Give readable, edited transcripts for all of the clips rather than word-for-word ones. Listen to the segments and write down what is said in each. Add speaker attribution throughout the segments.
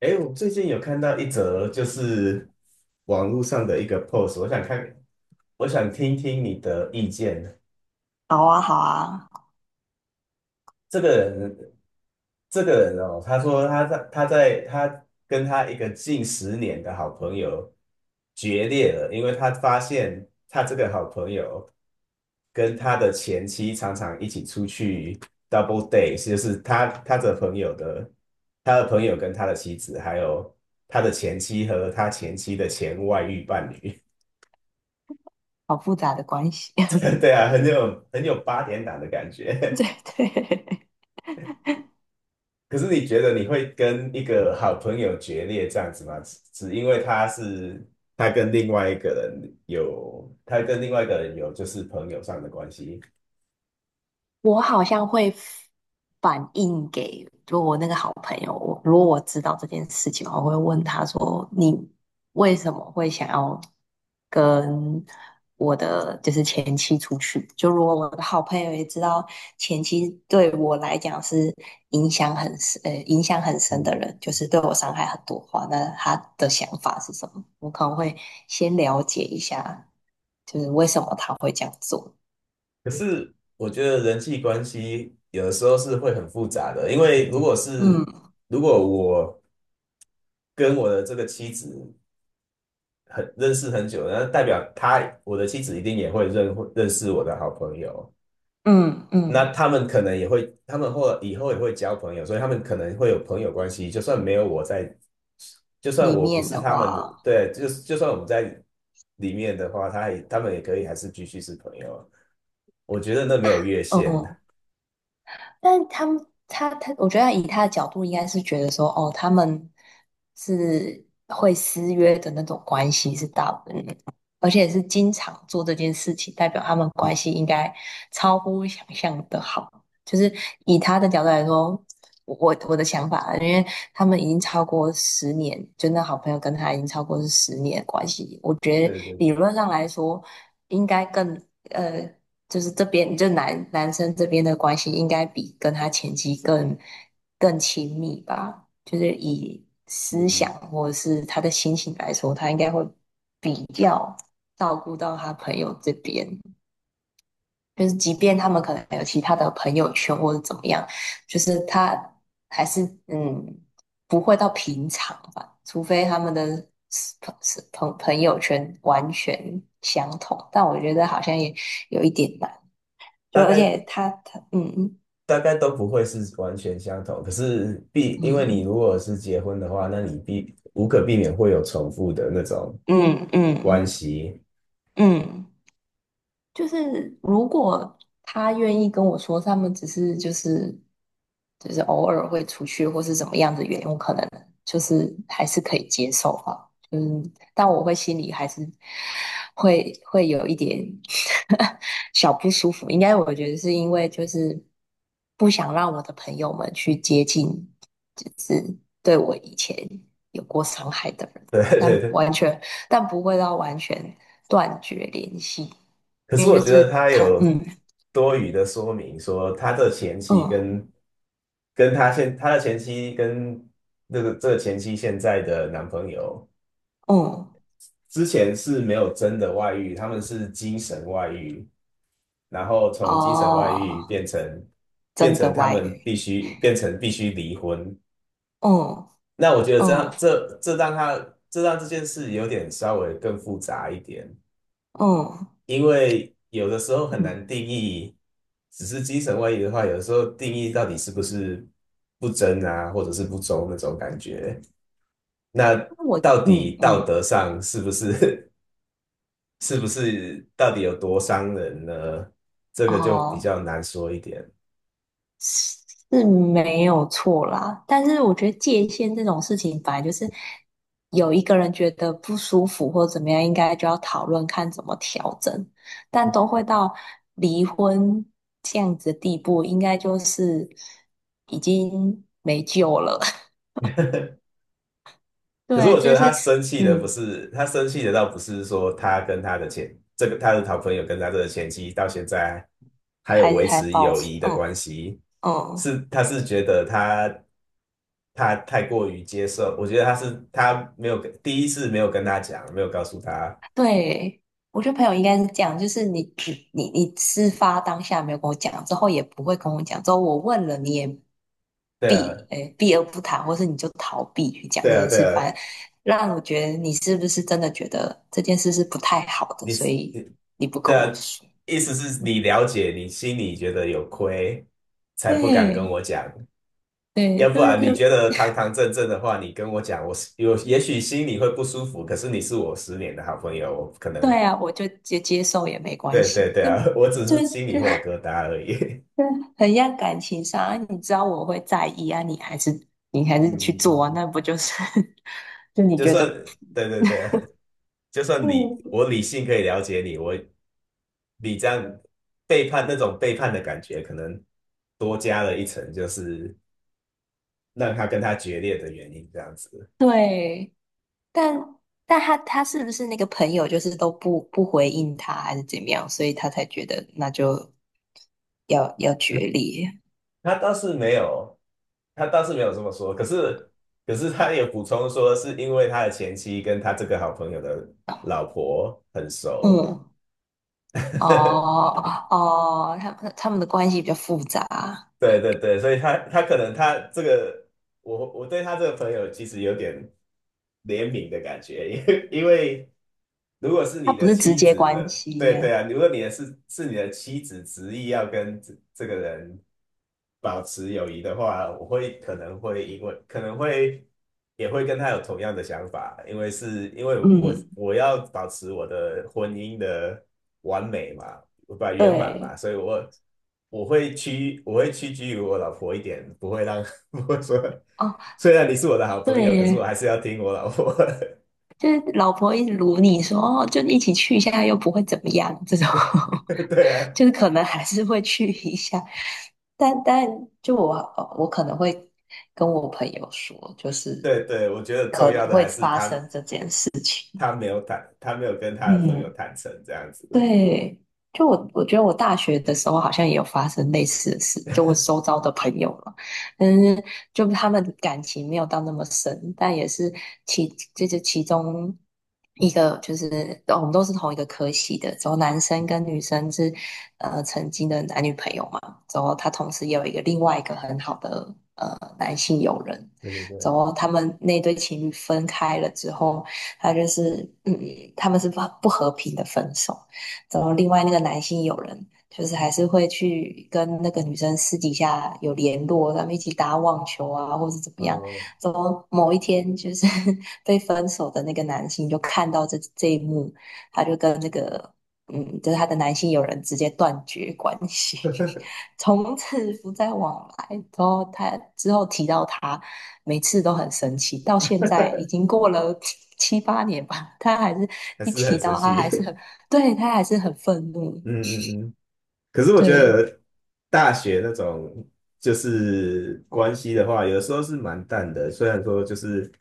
Speaker 1: 诶，我最近有看到一则，就是网络上的一个 post，我想听听你的意见。
Speaker 2: 好啊，好啊，
Speaker 1: 这个人，这个人哦，他说他跟他一个近十年的好朋友决裂了，因为他发现他这个好朋友跟他的前妻常常一起出去 double date，就是他的朋友跟他的妻子，还有他的前妻和他前妻的前外遇伴侣。
Speaker 2: 好复杂的关系。
Speaker 1: 对啊，很有八点档的感
Speaker 2: 对
Speaker 1: 觉。
Speaker 2: 对，
Speaker 1: 可是你觉得你会跟一个好朋友决裂这样子吗？只因为他是他跟另外一个人有，他跟另外一个人有就是朋友上的关系。
Speaker 2: 我好像会反映给，就我那个好朋友，我如果我知道这件事情，我会问他说："你为什么会想要跟我的就是前妻出去？"就如果我的好朋友也知道前妻对我来讲是影响很深的
Speaker 1: 嗯。
Speaker 2: 人，就是对我伤害很多的话，那他的想法是什么？我可能会先了解一下，就是为什么他会这样做。
Speaker 1: 可是我觉得人际关系有的时候是会很复杂的，因为
Speaker 2: 嗯
Speaker 1: 如果我跟我的这个妻子很认识很久，那代表我的妻子一定也会认识我的好朋友，
Speaker 2: 嗯嗯。
Speaker 1: 那他们或以后也会交朋友，所以他们可能会有朋友关系，就算没有我在，就算
Speaker 2: 里
Speaker 1: 我不
Speaker 2: 面
Speaker 1: 是
Speaker 2: 的
Speaker 1: 他们的，
Speaker 2: 话，
Speaker 1: 对，就算我们在里面的话，他们也可以还是继续是朋友，我觉得那没有越 线。的，
Speaker 2: 嗯，但他们，我觉得以他的角度，应该是觉得说，哦，他们是会私约的那种关系是大部分的，而且是经常做这件事情，代表他们关系应该超乎想象的好。就是以他的角度来说，我的想法啊因为他们已经超过十年，就那好朋友跟他已经超过是十年的关系，我觉得
Speaker 1: 对对
Speaker 2: 理
Speaker 1: 对。
Speaker 2: 论上来说，应该更。呃就是这边就男生这边的关系应该比跟他前妻更亲密吧？就是以思
Speaker 1: 嗯。
Speaker 2: 想或者是他的心情来说，他应该会比较照顾到他朋友这边。就是即便他们可能有其他的朋友圈或者怎么样，就是他还是嗯不会到平常吧，除非他们的朋朋友圈完全相同。但我觉得好像也有一点难。就
Speaker 1: 大
Speaker 2: 而
Speaker 1: 概
Speaker 2: 且他他嗯
Speaker 1: 大概都不会是完全相同，可是因为你
Speaker 2: 嗯
Speaker 1: 如果是结婚的话，那你必无可避免会有重复的那种
Speaker 2: 嗯嗯
Speaker 1: 关
Speaker 2: 嗯，
Speaker 1: 系。
Speaker 2: 嗯就是如果他愿意跟我说，他们只是就是偶尔会出去，或是怎么样的原因，我可能就是还是可以接受吧。嗯，但我会心里还是会有一点 小不舒服。应该我觉得是因为就是不想让我的朋友们去接近，就是对我以前有过伤害的人，
Speaker 1: 对对
Speaker 2: 但
Speaker 1: 对。
Speaker 2: 完全但不会到完全断绝联系。
Speaker 1: 可是
Speaker 2: 因
Speaker 1: 我
Speaker 2: 为就
Speaker 1: 觉
Speaker 2: 是
Speaker 1: 得他
Speaker 2: 他，
Speaker 1: 有多余的说明说，他的前妻
Speaker 2: 嗯
Speaker 1: 跟他的前妻跟这个前妻现在的男朋友
Speaker 2: 嗯，
Speaker 1: 之前是没有真的外遇，他们是精神外遇。然后从精神外遇
Speaker 2: 哦，
Speaker 1: 变成变
Speaker 2: 真的
Speaker 1: 成他
Speaker 2: 外
Speaker 1: 们
Speaker 2: 语，
Speaker 1: 必须离婚。
Speaker 2: 嗯
Speaker 1: 那我觉得这样
Speaker 2: 嗯
Speaker 1: 这这让他这让这件事有点稍微更复杂一点，
Speaker 2: 嗯
Speaker 1: 因为有的时候很
Speaker 2: 嗯，
Speaker 1: 难定义。只是精神外遇的话，有的时候定义到底是不是不贞啊，或者是不忠那种感觉。那
Speaker 2: 我
Speaker 1: 到
Speaker 2: 嗯
Speaker 1: 底道
Speaker 2: 嗯
Speaker 1: 德上是不是 是不是到底有多伤人呢？这个就比
Speaker 2: 哦
Speaker 1: 较难说一点。
Speaker 2: 是是没有错啦，但是我觉得界限这种事情，本来就是有一个人觉得不舒服或怎么样，应该就要讨论看怎么调整，但都会到离婚这样子的地步，应该就是已经没救了。
Speaker 1: 可是
Speaker 2: 对，
Speaker 1: 我觉
Speaker 2: 就
Speaker 1: 得
Speaker 2: 是，嗯，
Speaker 1: 他生气的，倒不是说他的好朋友跟他的前妻到现在还有
Speaker 2: 还
Speaker 1: 维
Speaker 2: 还
Speaker 1: 持
Speaker 2: 保
Speaker 1: 友
Speaker 2: 持，
Speaker 1: 谊的
Speaker 2: 嗯
Speaker 1: 关系，
Speaker 2: 嗯，
Speaker 1: 是觉得他太过于接受。我觉得他是他没有跟第一次没有跟他讲，没有告诉他。
Speaker 2: 对，我觉得朋友应该是这样，就是你只你你事发当下没有跟我讲，之后也不会跟我讲，之后我问了你也
Speaker 1: 对啊
Speaker 2: 避而不谈，或是你就逃避去讲
Speaker 1: 对
Speaker 2: 这
Speaker 1: 啊
Speaker 2: 件
Speaker 1: 对
Speaker 2: 事，
Speaker 1: 啊，
Speaker 2: 反正让我觉得你是不是真的觉得这件事是不太好的，
Speaker 1: 你
Speaker 2: 所
Speaker 1: 是
Speaker 2: 以
Speaker 1: 你
Speaker 2: 你不跟
Speaker 1: 对
Speaker 2: 我
Speaker 1: 啊，
Speaker 2: 说。
Speaker 1: 意思是你了解，你心里觉得有亏，才不敢跟
Speaker 2: 对
Speaker 1: 我讲。
Speaker 2: 对，
Speaker 1: 要不
Speaker 2: 就是
Speaker 1: 然你觉
Speaker 2: 就
Speaker 1: 得堂堂正正的话，你跟我讲，我是有也许心里会不舒服，可是你是我十年的好朋友，我可能
Speaker 2: 对啊，我就接受也没关
Speaker 1: 对对
Speaker 2: 系，
Speaker 1: 对啊。我只
Speaker 2: 就
Speaker 1: 是心里
Speaker 2: 就
Speaker 1: 会有疙瘩而已。
Speaker 2: 对，很像感情上啊，你知道我会在意啊，你还是去
Speaker 1: 嗯
Speaker 2: 做啊，
Speaker 1: 嗯，
Speaker 2: 那不就是 就你
Speaker 1: 就
Speaker 2: 觉得
Speaker 1: 算对对对啊，就算理
Speaker 2: 嗯
Speaker 1: 我理性可以了解你，你这样背叛，那种背叛的感觉可能多加了一层，就是让他跟他决裂的原因，这样子。
Speaker 2: 对，但但他是不是那个朋友就是都不回应他还是怎么样，所以他才觉得那就要决裂，
Speaker 1: 他倒是没有，他倒是没有这么说。可是他也补充说，是因为他的前妻跟他这个好朋友的老婆很熟。
Speaker 2: 嗯 哦哦，他们的关系比较复杂，
Speaker 1: 对对对，所以他可能他这个，我对他这个朋友其实有点怜悯的感觉。因为如果是
Speaker 2: 他
Speaker 1: 你
Speaker 2: 不
Speaker 1: 的
Speaker 2: 是直
Speaker 1: 妻
Speaker 2: 接
Speaker 1: 子
Speaker 2: 关
Speaker 1: 的，
Speaker 2: 系
Speaker 1: 对对
Speaker 2: 呀，
Speaker 1: 啊，如果你的妻子执意要跟这个人保持友谊的话，我会可能会因为可能会也会跟他有同样的想法，因为我
Speaker 2: 嗯
Speaker 1: 我要保持我的婚姻的完美嘛。我把圆满吧，
Speaker 2: 对。
Speaker 1: 所以我会屈居于我老婆一点，不会让 不会说，
Speaker 2: 哦。
Speaker 1: 虽然你是我的好朋
Speaker 2: 对
Speaker 1: 友，可是我
Speaker 2: 耶，
Speaker 1: 还是要听我老婆的。
Speaker 2: 就是老婆一直撸你说，哦，就一起去一下，又不会怎么样，这种
Speaker 1: 对啊，
Speaker 2: 就是可能还是会去一下，但就我可能会跟我朋友说，就是
Speaker 1: 对对，我觉得重
Speaker 2: 可
Speaker 1: 要
Speaker 2: 能
Speaker 1: 的
Speaker 2: 会
Speaker 1: 还是
Speaker 2: 发生这件事，
Speaker 1: 他没有跟他的朋友
Speaker 2: 嗯。
Speaker 1: 坦诚这样子。
Speaker 2: 对，就我觉得我大学的时候好像也有发生类似的事，就我
Speaker 1: 对
Speaker 2: 周遭的朋友嘛，但是就他们感情没有到那么深，但也是其就是其中一个就是哦我们都是同一个科系的，然后男生跟女生是曾经的男女朋友嘛，然后他同时也有一个另外一个很好的男性友人，
Speaker 1: 对对，
Speaker 2: 然后他们那对情侣分开了之后，他就是嗯他们是不和平的分手。找另外那个男性友人，就是还是会去跟那个女生私底下有联络，他们一起打网球啊，或是怎么样。
Speaker 1: 哦，
Speaker 2: 怎么某一天就是 被分手的那个男性就看到这一幕，他就跟那个就是他的男性友人直接断绝关系，从此不再往来。然后他之后提到他，每次都很生气，到现在已经过了 七八年吧，他还是
Speaker 1: 还
Speaker 2: 一
Speaker 1: 是很
Speaker 2: 提
Speaker 1: 神
Speaker 2: 到他
Speaker 1: 奇。
Speaker 2: 还是 很对，他还是很愤怒，
Speaker 1: 嗯嗯嗯。可是我觉
Speaker 2: 对
Speaker 1: 得大学那种就是关系的话，有的时候是蛮淡的。虽然说就是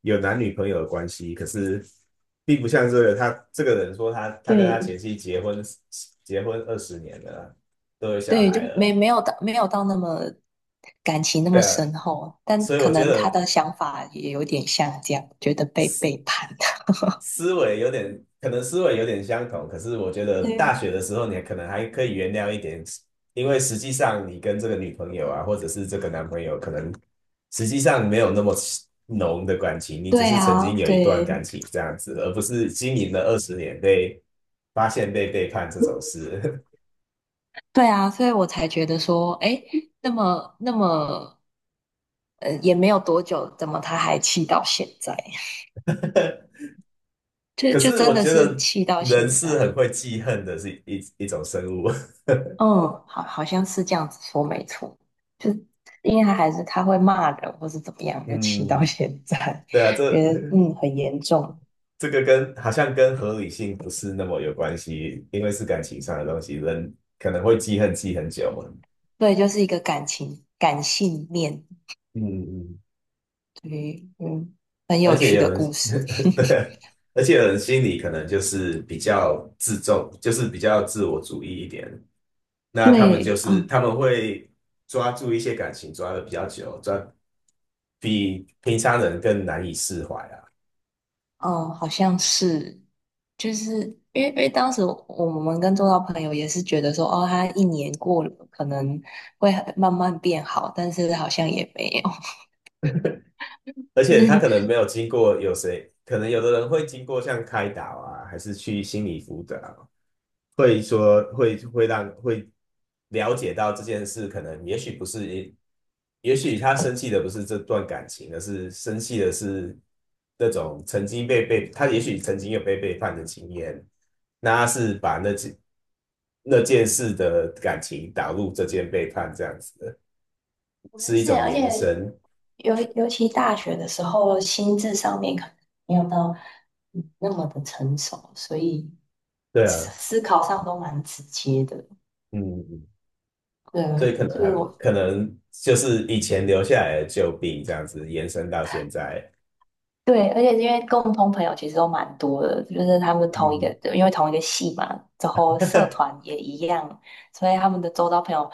Speaker 1: 有男女朋友的关系，可是并不像这个他这个人说他他跟他
Speaker 2: 对，
Speaker 1: 前妻结婚二十年了，都有小
Speaker 2: 对，就
Speaker 1: 孩
Speaker 2: 没
Speaker 1: 了。
Speaker 2: 没有到没有到那么感情那
Speaker 1: 对
Speaker 2: 么
Speaker 1: 啊，
Speaker 2: 深厚，但
Speaker 1: 所以
Speaker 2: 可
Speaker 1: 我觉
Speaker 2: 能他
Speaker 1: 得
Speaker 2: 的想法也有点像这样，觉得被背叛。
Speaker 1: 思维有点，可能思维有点相同，可是我觉得
Speaker 2: 对，
Speaker 1: 大学的时候你可能还可以原谅一点，因为实际上你跟这个女朋友啊，或者是这个男朋友，可能实际上没有那么浓的感情，你只
Speaker 2: 对
Speaker 1: 是曾
Speaker 2: 啊，
Speaker 1: 经有一段感
Speaker 2: 对，
Speaker 1: 情这样子，而不是经营了二十年被发现被背叛这种事。
Speaker 2: 对啊，所以我才觉得说，哎，那么那么，也没有多久，怎么他还气到现在？就
Speaker 1: 可
Speaker 2: 就
Speaker 1: 是
Speaker 2: 真
Speaker 1: 我
Speaker 2: 的
Speaker 1: 觉
Speaker 2: 是
Speaker 1: 得
Speaker 2: 气到
Speaker 1: 人
Speaker 2: 现
Speaker 1: 是
Speaker 2: 在。
Speaker 1: 很会记恨的，是一种生物。
Speaker 2: 嗯，好，好像是这样子说，没错。就因为他还是他会骂人，或是怎么样，就气到
Speaker 1: 嗯，
Speaker 2: 现在，
Speaker 1: 对啊，
Speaker 2: 觉得
Speaker 1: 这
Speaker 2: 很严重。
Speaker 1: 这个跟好像跟合理性不是那么有关系，因为是感情上的东西，人可能会记恨记很久嘛。
Speaker 2: 对，就是一个感性面，
Speaker 1: 嗯嗯，
Speaker 2: 对，嗯，很
Speaker 1: 而
Speaker 2: 有
Speaker 1: 且
Speaker 2: 趣
Speaker 1: 有
Speaker 2: 的
Speaker 1: 人
Speaker 2: 故事。
Speaker 1: 对，而且有人心里可能就是比较自重，就是比较自我主义一点。那他们就
Speaker 2: 对，
Speaker 1: 是
Speaker 2: 嗯，
Speaker 1: 他们会抓住一些感情抓的比较久，抓比平常人更难以释怀啊。
Speaker 2: 哦，好像是，就是因为当时我们跟周遭朋友也是觉得说，哦，他一年过了，可能会很慢慢变好，但是好像也没有。
Speaker 1: 而
Speaker 2: 就
Speaker 1: 且他可
Speaker 2: 是
Speaker 1: 能没有经过有谁，可能有的人会经过像开导啊，还是去心理辅导，会说会会让会了解到这件事，可能也许不是，也许他生气的不是这段感情，而是生气的是那种曾经被背，他也许曾经有被背叛的经验，那他是把那件事的感情导入这件背叛这样子的，
Speaker 2: 我们
Speaker 1: 是一
Speaker 2: 是，
Speaker 1: 种
Speaker 2: 而
Speaker 1: 延
Speaker 2: 且
Speaker 1: 伸。
Speaker 2: 尤其大学的时候，心智上面可能没有到那么的成熟，所以
Speaker 1: 对
Speaker 2: 思
Speaker 1: 啊，
Speaker 2: 思考上都蛮直接的。
Speaker 1: 嗯，所以
Speaker 2: 对，
Speaker 1: 可能
Speaker 2: 就
Speaker 1: 还不
Speaker 2: 我
Speaker 1: 可能就是以前留下来的旧病这样子延伸到现在。
Speaker 2: 对，而且因为共同朋友其实都蛮多的，就是他们同一个，
Speaker 1: 嗯。
Speaker 2: 因为同一个系嘛，之后社团也一样，所以他们的周遭朋友，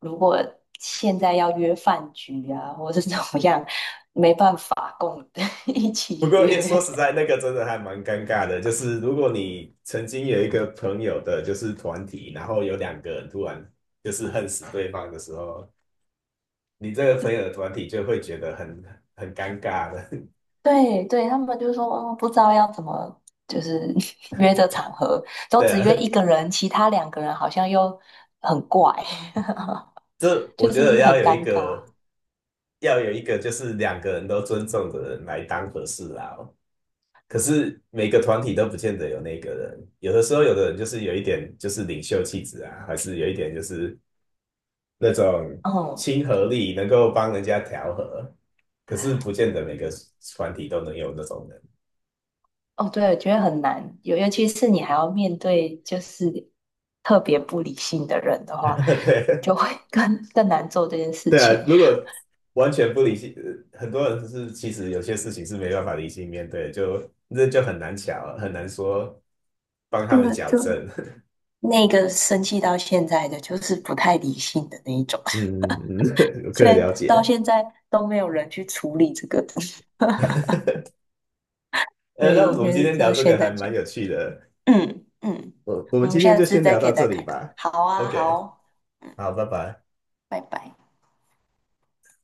Speaker 2: 如果现在要约饭局啊，或是怎么样，没办法共 一
Speaker 1: 不
Speaker 2: 起
Speaker 1: 过也说实
Speaker 2: 约。
Speaker 1: 在，那个真的还蛮尴尬的。就是如果你曾经有一个朋友的，就是团体，然后有两个人突然就是恨死对方的时候，你这个朋友的团体就会觉得很尴尬的。
Speaker 2: 对对，他们就说，哦，不知道要怎么，就是 约这场合，都
Speaker 1: 对
Speaker 2: 只
Speaker 1: 啊，
Speaker 2: 约一个人，其他两个人好像又很怪，
Speaker 1: 这
Speaker 2: 就
Speaker 1: 我觉得
Speaker 2: 是很尴尬。
Speaker 1: 要有一个就是两个人都尊重的人来当和事佬。可是每个团体都不见得有那个人，有的时候有的人就是有一点就是领袖气质啊，还是有一点就是那种
Speaker 2: 哦
Speaker 1: 亲和力，能够帮人家调和。可是不见得每个团体都能有那种人。
Speaker 2: 哦，对，我觉得很难，尤其是你还要面对就是特别不理性的人的 话，
Speaker 1: 对
Speaker 2: 就会 更难做这件事
Speaker 1: 对啊，
Speaker 2: 情。
Speaker 1: 如果完全不理性，很多人是其实有些事情是没办法理性面对的就那就很难说帮他们
Speaker 2: 就
Speaker 1: 矫
Speaker 2: 就
Speaker 1: 正。
Speaker 2: 那个生气到现在的，就是不太理性的那一种，
Speaker 1: 嗯嗯嗯，我可
Speaker 2: 所以
Speaker 1: 以了
Speaker 2: 到
Speaker 1: 解。
Speaker 2: 现在都没有人去处理这个。
Speaker 1: 那
Speaker 2: 对，
Speaker 1: 我们
Speaker 2: 就
Speaker 1: 今
Speaker 2: 是
Speaker 1: 天聊
Speaker 2: 到
Speaker 1: 这个
Speaker 2: 现
Speaker 1: 还
Speaker 2: 在这
Speaker 1: 蛮
Speaker 2: 样。
Speaker 1: 有趣的，
Speaker 2: 嗯嗯，
Speaker 1: 我
Speaker 2: 我
Speaker 1: 们
Speaker 2: 们
Speaker 1: 今天
Speaker 2: 下
Speaker 1: 就
Speaker 2: 次
Speaker 1: 先
Speaker 2: 再
Speaker 1: 聊
Speaker 2: 可以
Speaker 1: 到这
Speaker 2: 再
Speaker 1: 里
Speaker 2: 看看。
Speaker 1: 吧。
Speaker 2: 好啊，
Speaker 1: OK，
Speaker 2: 好，嗯，
Speaker 1: 好，拜拜。
Speaker 2: 拜拜。